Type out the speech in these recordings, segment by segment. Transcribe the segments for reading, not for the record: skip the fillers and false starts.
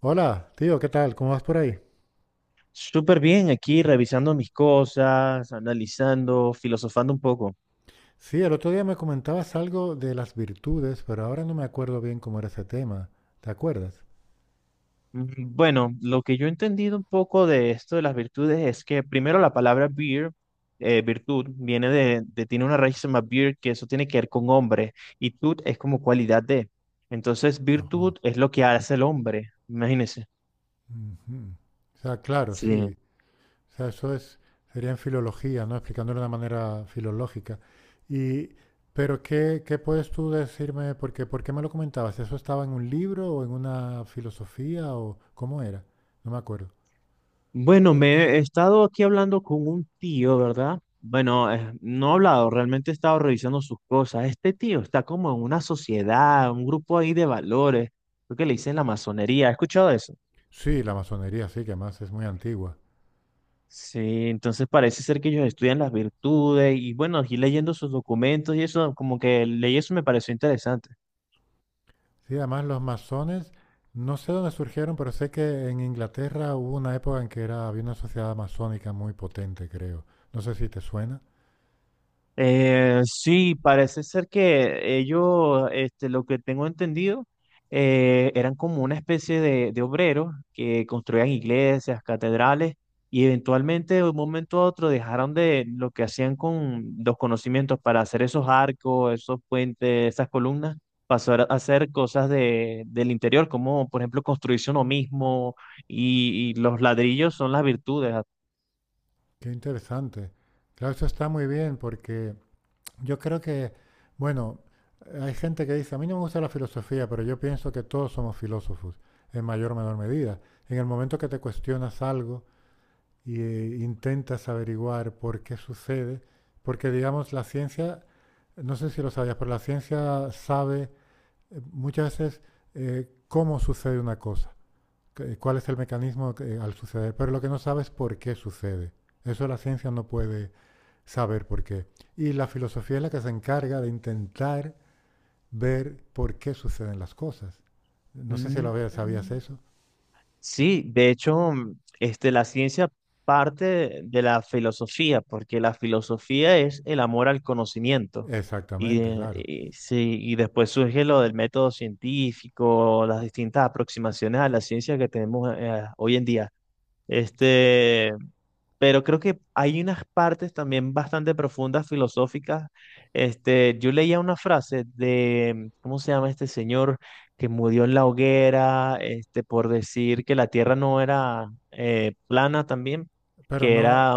Hola, tío, ¿qué tal? ¿Cómo vas por ahí? Súper bien, aquí revisando mis cosas, analizando, filosofando un poco. Sí, el otro día me comentabas algo de las virtudes, pero ahora no me acuerdo bien cómo era ese tema. ¿Te acuerdas? Mm, bueno, lo que yo he entendido un poco de esto de las virtudes es que primero la palabra beer, virtud, viene tiene una raíz que se llama beer, que eso tiene que ver con hombre, y tut es como cualidad de. Entonces, virtud Ajá. es lo que hace el hombre, imagínense. ujú. O sea, claro, sí. O sea, eso es, sería en filología, ¿no? Explicándolo de una manera filológica. Y, pero ¿qué, qué puedes tú decirme? Porque, ¿por qué me lo comentabas? ¿Eso estaba en un libro o en una filosofía o cómo era? No me acuerdo. Bueno, me he estado aquí hablando con un tío, ¿verdad? Bueno, no he hablado, realmente he estado revisando sus cosas. Este tío está como en una sociedad, un grupo ahí de valores, creo que le dicen la masonería, ¿has escuchado eso? Sí, la masonería, sí, que además es muy antigua. Sí, entonces parece ser que ellos estudian las virtudes y bueno, y leyendo sus documentos y eso, como que leí eso y me pareció interesante. Sí, además los masones, no sé dónde surgieron, pero sé que en Inglaterra hubo una época en que era, había una sociedad masónica muy potente, creo. No sé si te suena. Sí, parece ser que ellos, este, lo que tengo entendido, eran como una especie de obreros que construían iglesias, catedrales, y eventualmente de un momento a otro dejaron de lo que hacían con los conocimientos para hacer esos arcos, esos puentes, esas columnas, pasó a hacer cosas de, del interior, como por ejemplo construirse uno mismo, y los ladrillos son las virtudes. Qué interesante. Claro, eso está muy bien porque yo creo que, bueno, hay gente que dice, a mí no me gusta la filosofía, pero yo pienso que todos somos filósofos, en mayor o menor medida. En el momento que te cuestionas algo y intentas averiguar por qué sucede, porque digamos, la ciencia, no sé si lo sabías, pero la ciencia sabe muchas veces cómo sucede una cosa, cuál es el mecanismo al suceder, pero lo que no sabe es por qué sucede. Eso la ciencia no puede saber por qué. Y la filosofía es la que se encarga de intentar ver por qué suceden las cosas. No sé si Mm. lo sabías eso. Sí, de hecho, este, la ciencia parte de la filosofía, porque la filosofía es el amor al conocimiento. Exactamente, claro. Y sí, y después surge lo del método científico, las distintas aproximaciones a la ciencia que tenemos hoy en día. Este, pero creo que hay unas partes también bastante profundas, filosóficas. Este, yo leía una frase de, ¿cómo se llama este señor que murió en la hoguera, este, por decir que la Tierra no era plana también, Pero que no. era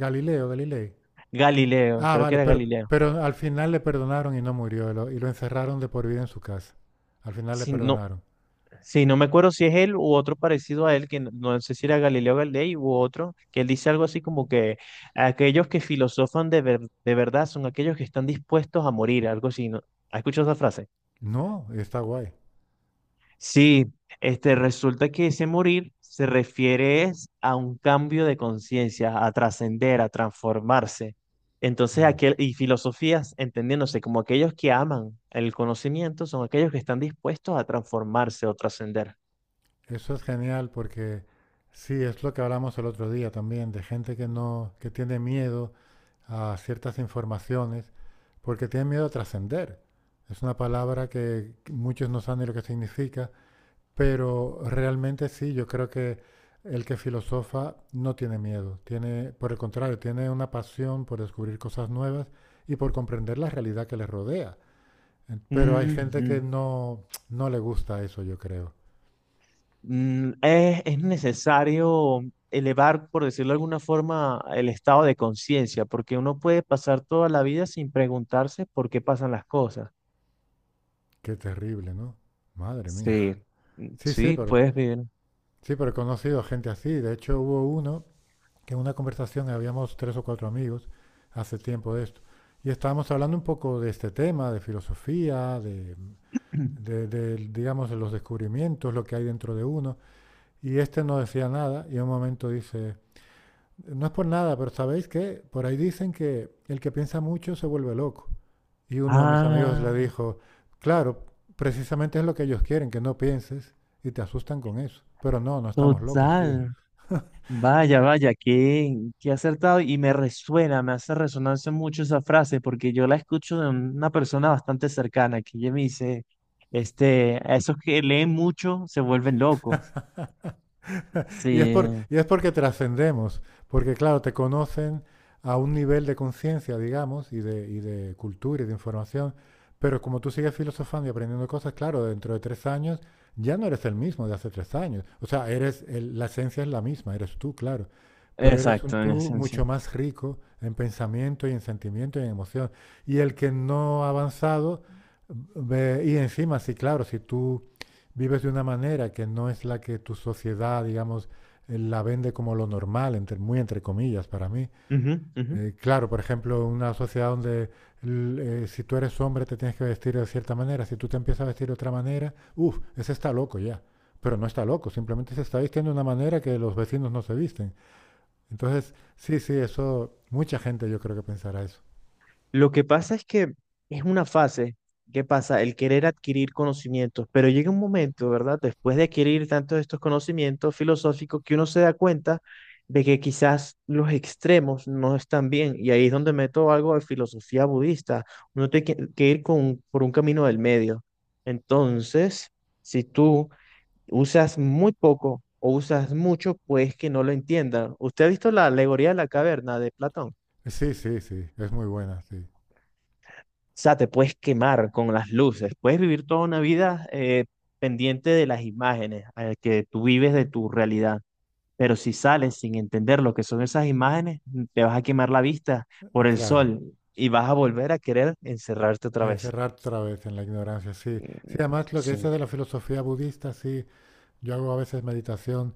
Galileo, Galilei. Galileo, Ah, creo que vale, era Galileo. pero al final le perdonaron y no murió. Y lo encerraron de por vida en su casa. Al final le Si no, perdonaron. sí, no me acuerdo si es él u otro parecido a él, que no, no sé si era Galileo Galilei u otro, que él dice algo así como que aquellos que filosofan de verdad son aquellos que están dispuestos a morir, algo así, ¿no? ¿Has escuchado esa frase? No, está guay. Sí, este, resulta que ese morir se refiere es a un cambio de conciencia, a trascender, a transformarse. Entonces, Mm. aquel, y filosofías, entendiéndose como aquellos que aman el conocimiento, son aquellos que están dispuestos a transformarse o trascender. Eso es genial porque sí, es lo que hablamos el otro día también, de gente que no, que tiene miedo a ciertas informaciones, porque tiene miedo a trascender. Es una palabra que muchos no saben ni lo que significa, pero realmente sí, yo creo que el que filosofa no tiene miedo, tiene, por el contrario, tiene una pasión por descubrir cosas nuevas y por comprender la realidad que le rodea. Pero hay gente que Ujú. no, no le gusta eso, yo creo. Mm, es necesario elevar, por decirlo de alguna forma, el estado de conciencia, porque uno puede pasar toda la vida sin preguntarse por qué pasan las cosas. Qué terrible, ¿no? Madre mía. Sí, Sí, sí, puedes ver. sí, pero he conocido gente así. De hecho, hubo uno que en una conversación habíamos tres o cuatro amigos hace tiempo de esto. Y estábamos hablando un poco de este tema, de filosofía, de, digamos, de los descubrimientos, lo que hay dentro de uno. Y este no decía nada y en un momento dice, no es por nada, pero ¿sabéis qué? Por ahí dicen que el que piensa mucho se vuelve loco. Y uno de mis amigos le Ah, dijo, claro, precisamente es lo que ellos quieren, que no pienses, y te asustan con eso. Pero no, no estamos locos, tío. total. Vaya, vaya, qué acertado. Y me resuena, me hace resonancia mucho esa frase, porque yo la escucho de una persona bastante cercana, que ella me dice, este, a esos que leen mucho se vuelven locos. Y es, por, Sí, y es porque trascendemos, porque claro, te conocen a un nivel de conciencia, digamos, y de cultura y de información, pero como tú sigues filosofando y aprendiendo cosas, claro, dentro de tres años ya no eres el mismo de hace tres años. O sea, la esencia es la misma, eres tú, claro, pero eres un exacto, en tú esencia. mucho más rico en pensamiento y en sentimiento y en emoción. Y el que no ha avanzado, y encima, sí, claro, si tú vives de una manera que no es la que tu sociedad, digamos, él la vende como lo normal, entre, muy entre comillas para mí. Ujú, ujú. Claro, por ejemplo, una sociedad donde si tú eres hombre te tienes que vestir de cierta manera, si tú te empiezas a vestir de otra manera, uff, ese está loco ya. Pero no está loco, simplemente se está vistiendo de una manera que los vecinos no se visten. Entonces, sí, sí, eso, mucha gente yo creo que pensará eso. Lo que pasa es que es una fase. ¿Qué pasa? El querer adquirir conocimientos, pero llega un momento, ¿verdad? Después de adquirir tantos de estos conocimientos filosóficos que uno se da cuenta de que quizás los extremos no están bien. Y ahí es donde meto algo de filosofía budista. Uno tiene que ir con, por un camino del medio. Entonces, si tú usas muy poco o usas mucho, pues que no lo entiendan. ¿Usted ha visto la alegoría de la caverna de Platón? Sí, sí, sí, es muy buena, sí. O sea, te puedes quemar con las luces, puedes vivir toda una vida pendiente de las imágenes que tú vives de tu realidad. Pero si sales sin entender lo que son esas imágenes, te vas a quemar la vista por el Claro, sol y vas a volver a querer encerrarte otra vez. encerrar otra vez en la ignorancia, sí. Sí, Mm, además lo que dices sí. de la filosofía budista, sí, yo hago a veces meditación.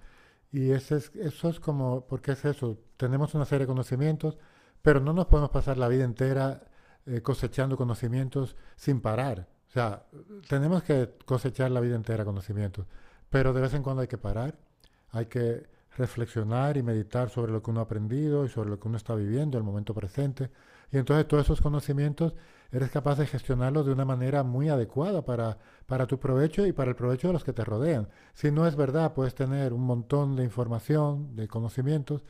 Y ese es, eso es como, porque es eso, tenemos una serie de conocimientos, pero no nos podemos pasar la vida entera cosechando conocimientos sin parar. O sea, tenemos que cosechar la vida entera conocimientos, pero de vez en cuando hay que parar, hay que reflexionar y meditar sobre lo que uno ha aprendido y sobre lo que uno está viviendo, el momento presente. Y entonces todos esos conocimientos eres capaz de gestionarlos de una manera muy adecuada para tu provecho y para el provecho de los que te rodean. Si no es verdad, puedes tener un montón de información, de conocimientos,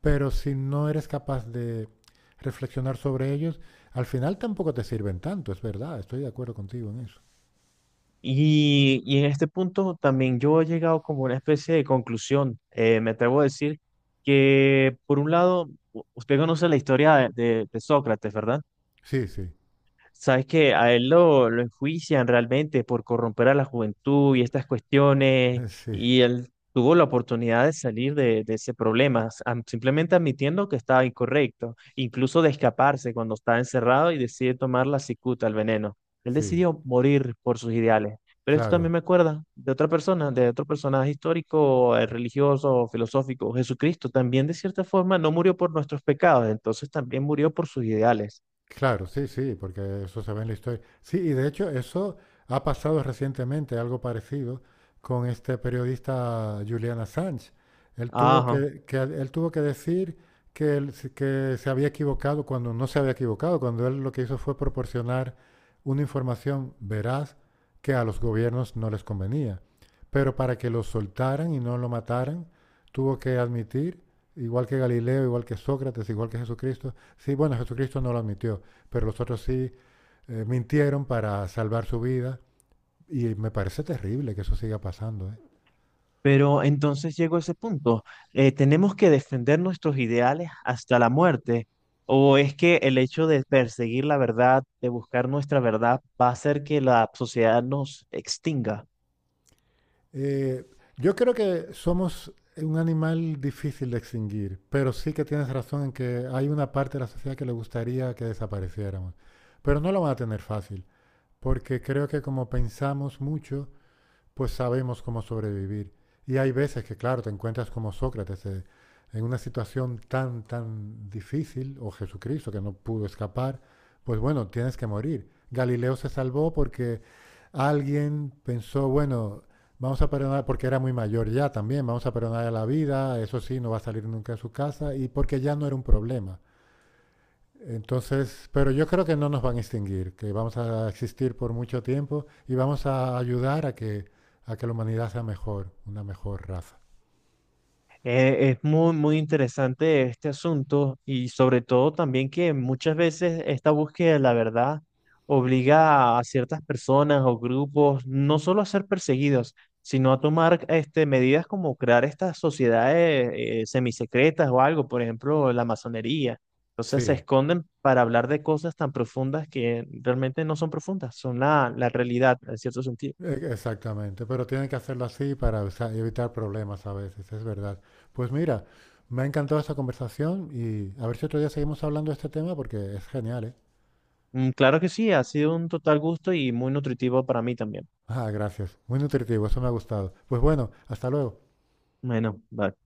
pero si no eres capaz de reflexionar sobre ellos, al final tampoco te sirven tanto, es verdad, estoy de acuerdo contigo en eso. Y en este punto también yo he llegado como a una especie de conclusión. Me atrevo a decir que, por un lado, usted conoce la historia de Sócrates, ¿verdad? Sí, sí, Sabes que a él lo enjuician realmente por corromper a la juventud y estas cuestiones, sí, y él tuvo la oportunidad de salir de ese problema, simplemente admitiendo que estaba incorrecto, incluso de escaparse cuando estaba encerrado y decide tomar la cicuta, el veneno. Él sí, decidió morir por sus ideales. Pero esto también claro. me acuerda de otra persona, de otro personaje histórico, religioso, filosófico. Jesucristo también, de cierta forma, no murió por nuestros pecados, entonces también murió por sus ideales. Claro, sí, sí, porque eso se ve en la historia. Sí, y de hecho eso ha pasado recientemente, algo parecido, con este periodista Julian Assange. Él tuvo Ajá. que, él tuvo que decir que, que se había equivocado cuando no se había equivocado, cuando él lo que hizo fue proporcionar una información veraz que a los gobiernos no les convenía. Pero para que lo soltaran y no lo mataran, tuvo que admitir, igual que Galileo, igual que Sócrates, igual que Jesucristo, sí, bueno, Jesucristo no lo admitió, pero los otros sí mintieron para salvar su vida y me parece terrible que eso siga pasando. ¿Eh? Pero entonces llegó ese punto. Eh, ¿tenemos que defender nuestros ideales hasta la muerte? ¿O es que el hecho de perseguir la verdad, de buscar nuestra verdad, va a hacer que la sociedad nos extinga? Eh, yo creo que somos un animal difícil de extinguir, pero sí que tienes razón en que hay una parte de la sociedad que le gustaría que desapareciéramos, pero no lo van a tener fácil, porque creo que como pensamos mucho, pues sabemos cómo sobrevivir. Y hay veces que, claro, te encuentras como Sócrates en una situación tan, tan difícil, o Jesucristo que no pudo escapar, pues bueno, tienes que morir. Galileo se salvó porque alguien pensó, bueno, vamos a perdonar, porque era muy mayor ya también, vamos a perdonar a la vida, eso sí, no va a salir nunca de su casa, y porque ya no era un problema. Entonces, pero yo creo que no nos van a extinguir, que vamos a existir por mucho tiempo y vamos a ayudar a que la humanidad sea mejor, una mejor raza. Es muy, muy interesante este asunto y sobre todo también que muchas veces esta búsqueda de la verdad obliga a ciertas personas o grupos no solo a ser perseguidos, sino a tomar este, medidas como crear estas sociedades semisecretas o algo, por ejemplo, la masonería. Entonces se Sí, esconden para hablar de cosas tan profundas que realmente no son profundas, son la realidad en cierto sentido. Exactamente, pero tienen que hacerlo así para, o sea, evitar problemas a veces, es verdad. Pues mira, me ha encantado esta conversación y a ver si otro día seguimos hablando de este tema porque es genial, ¿eh? Mm, claro que sí, ha sido un total gusto y muy nutritivo para mí también. Ah, gracias. Muy nutritivo, eso me ha gustado. Pues bueno, hasta luego. Bueno, vale.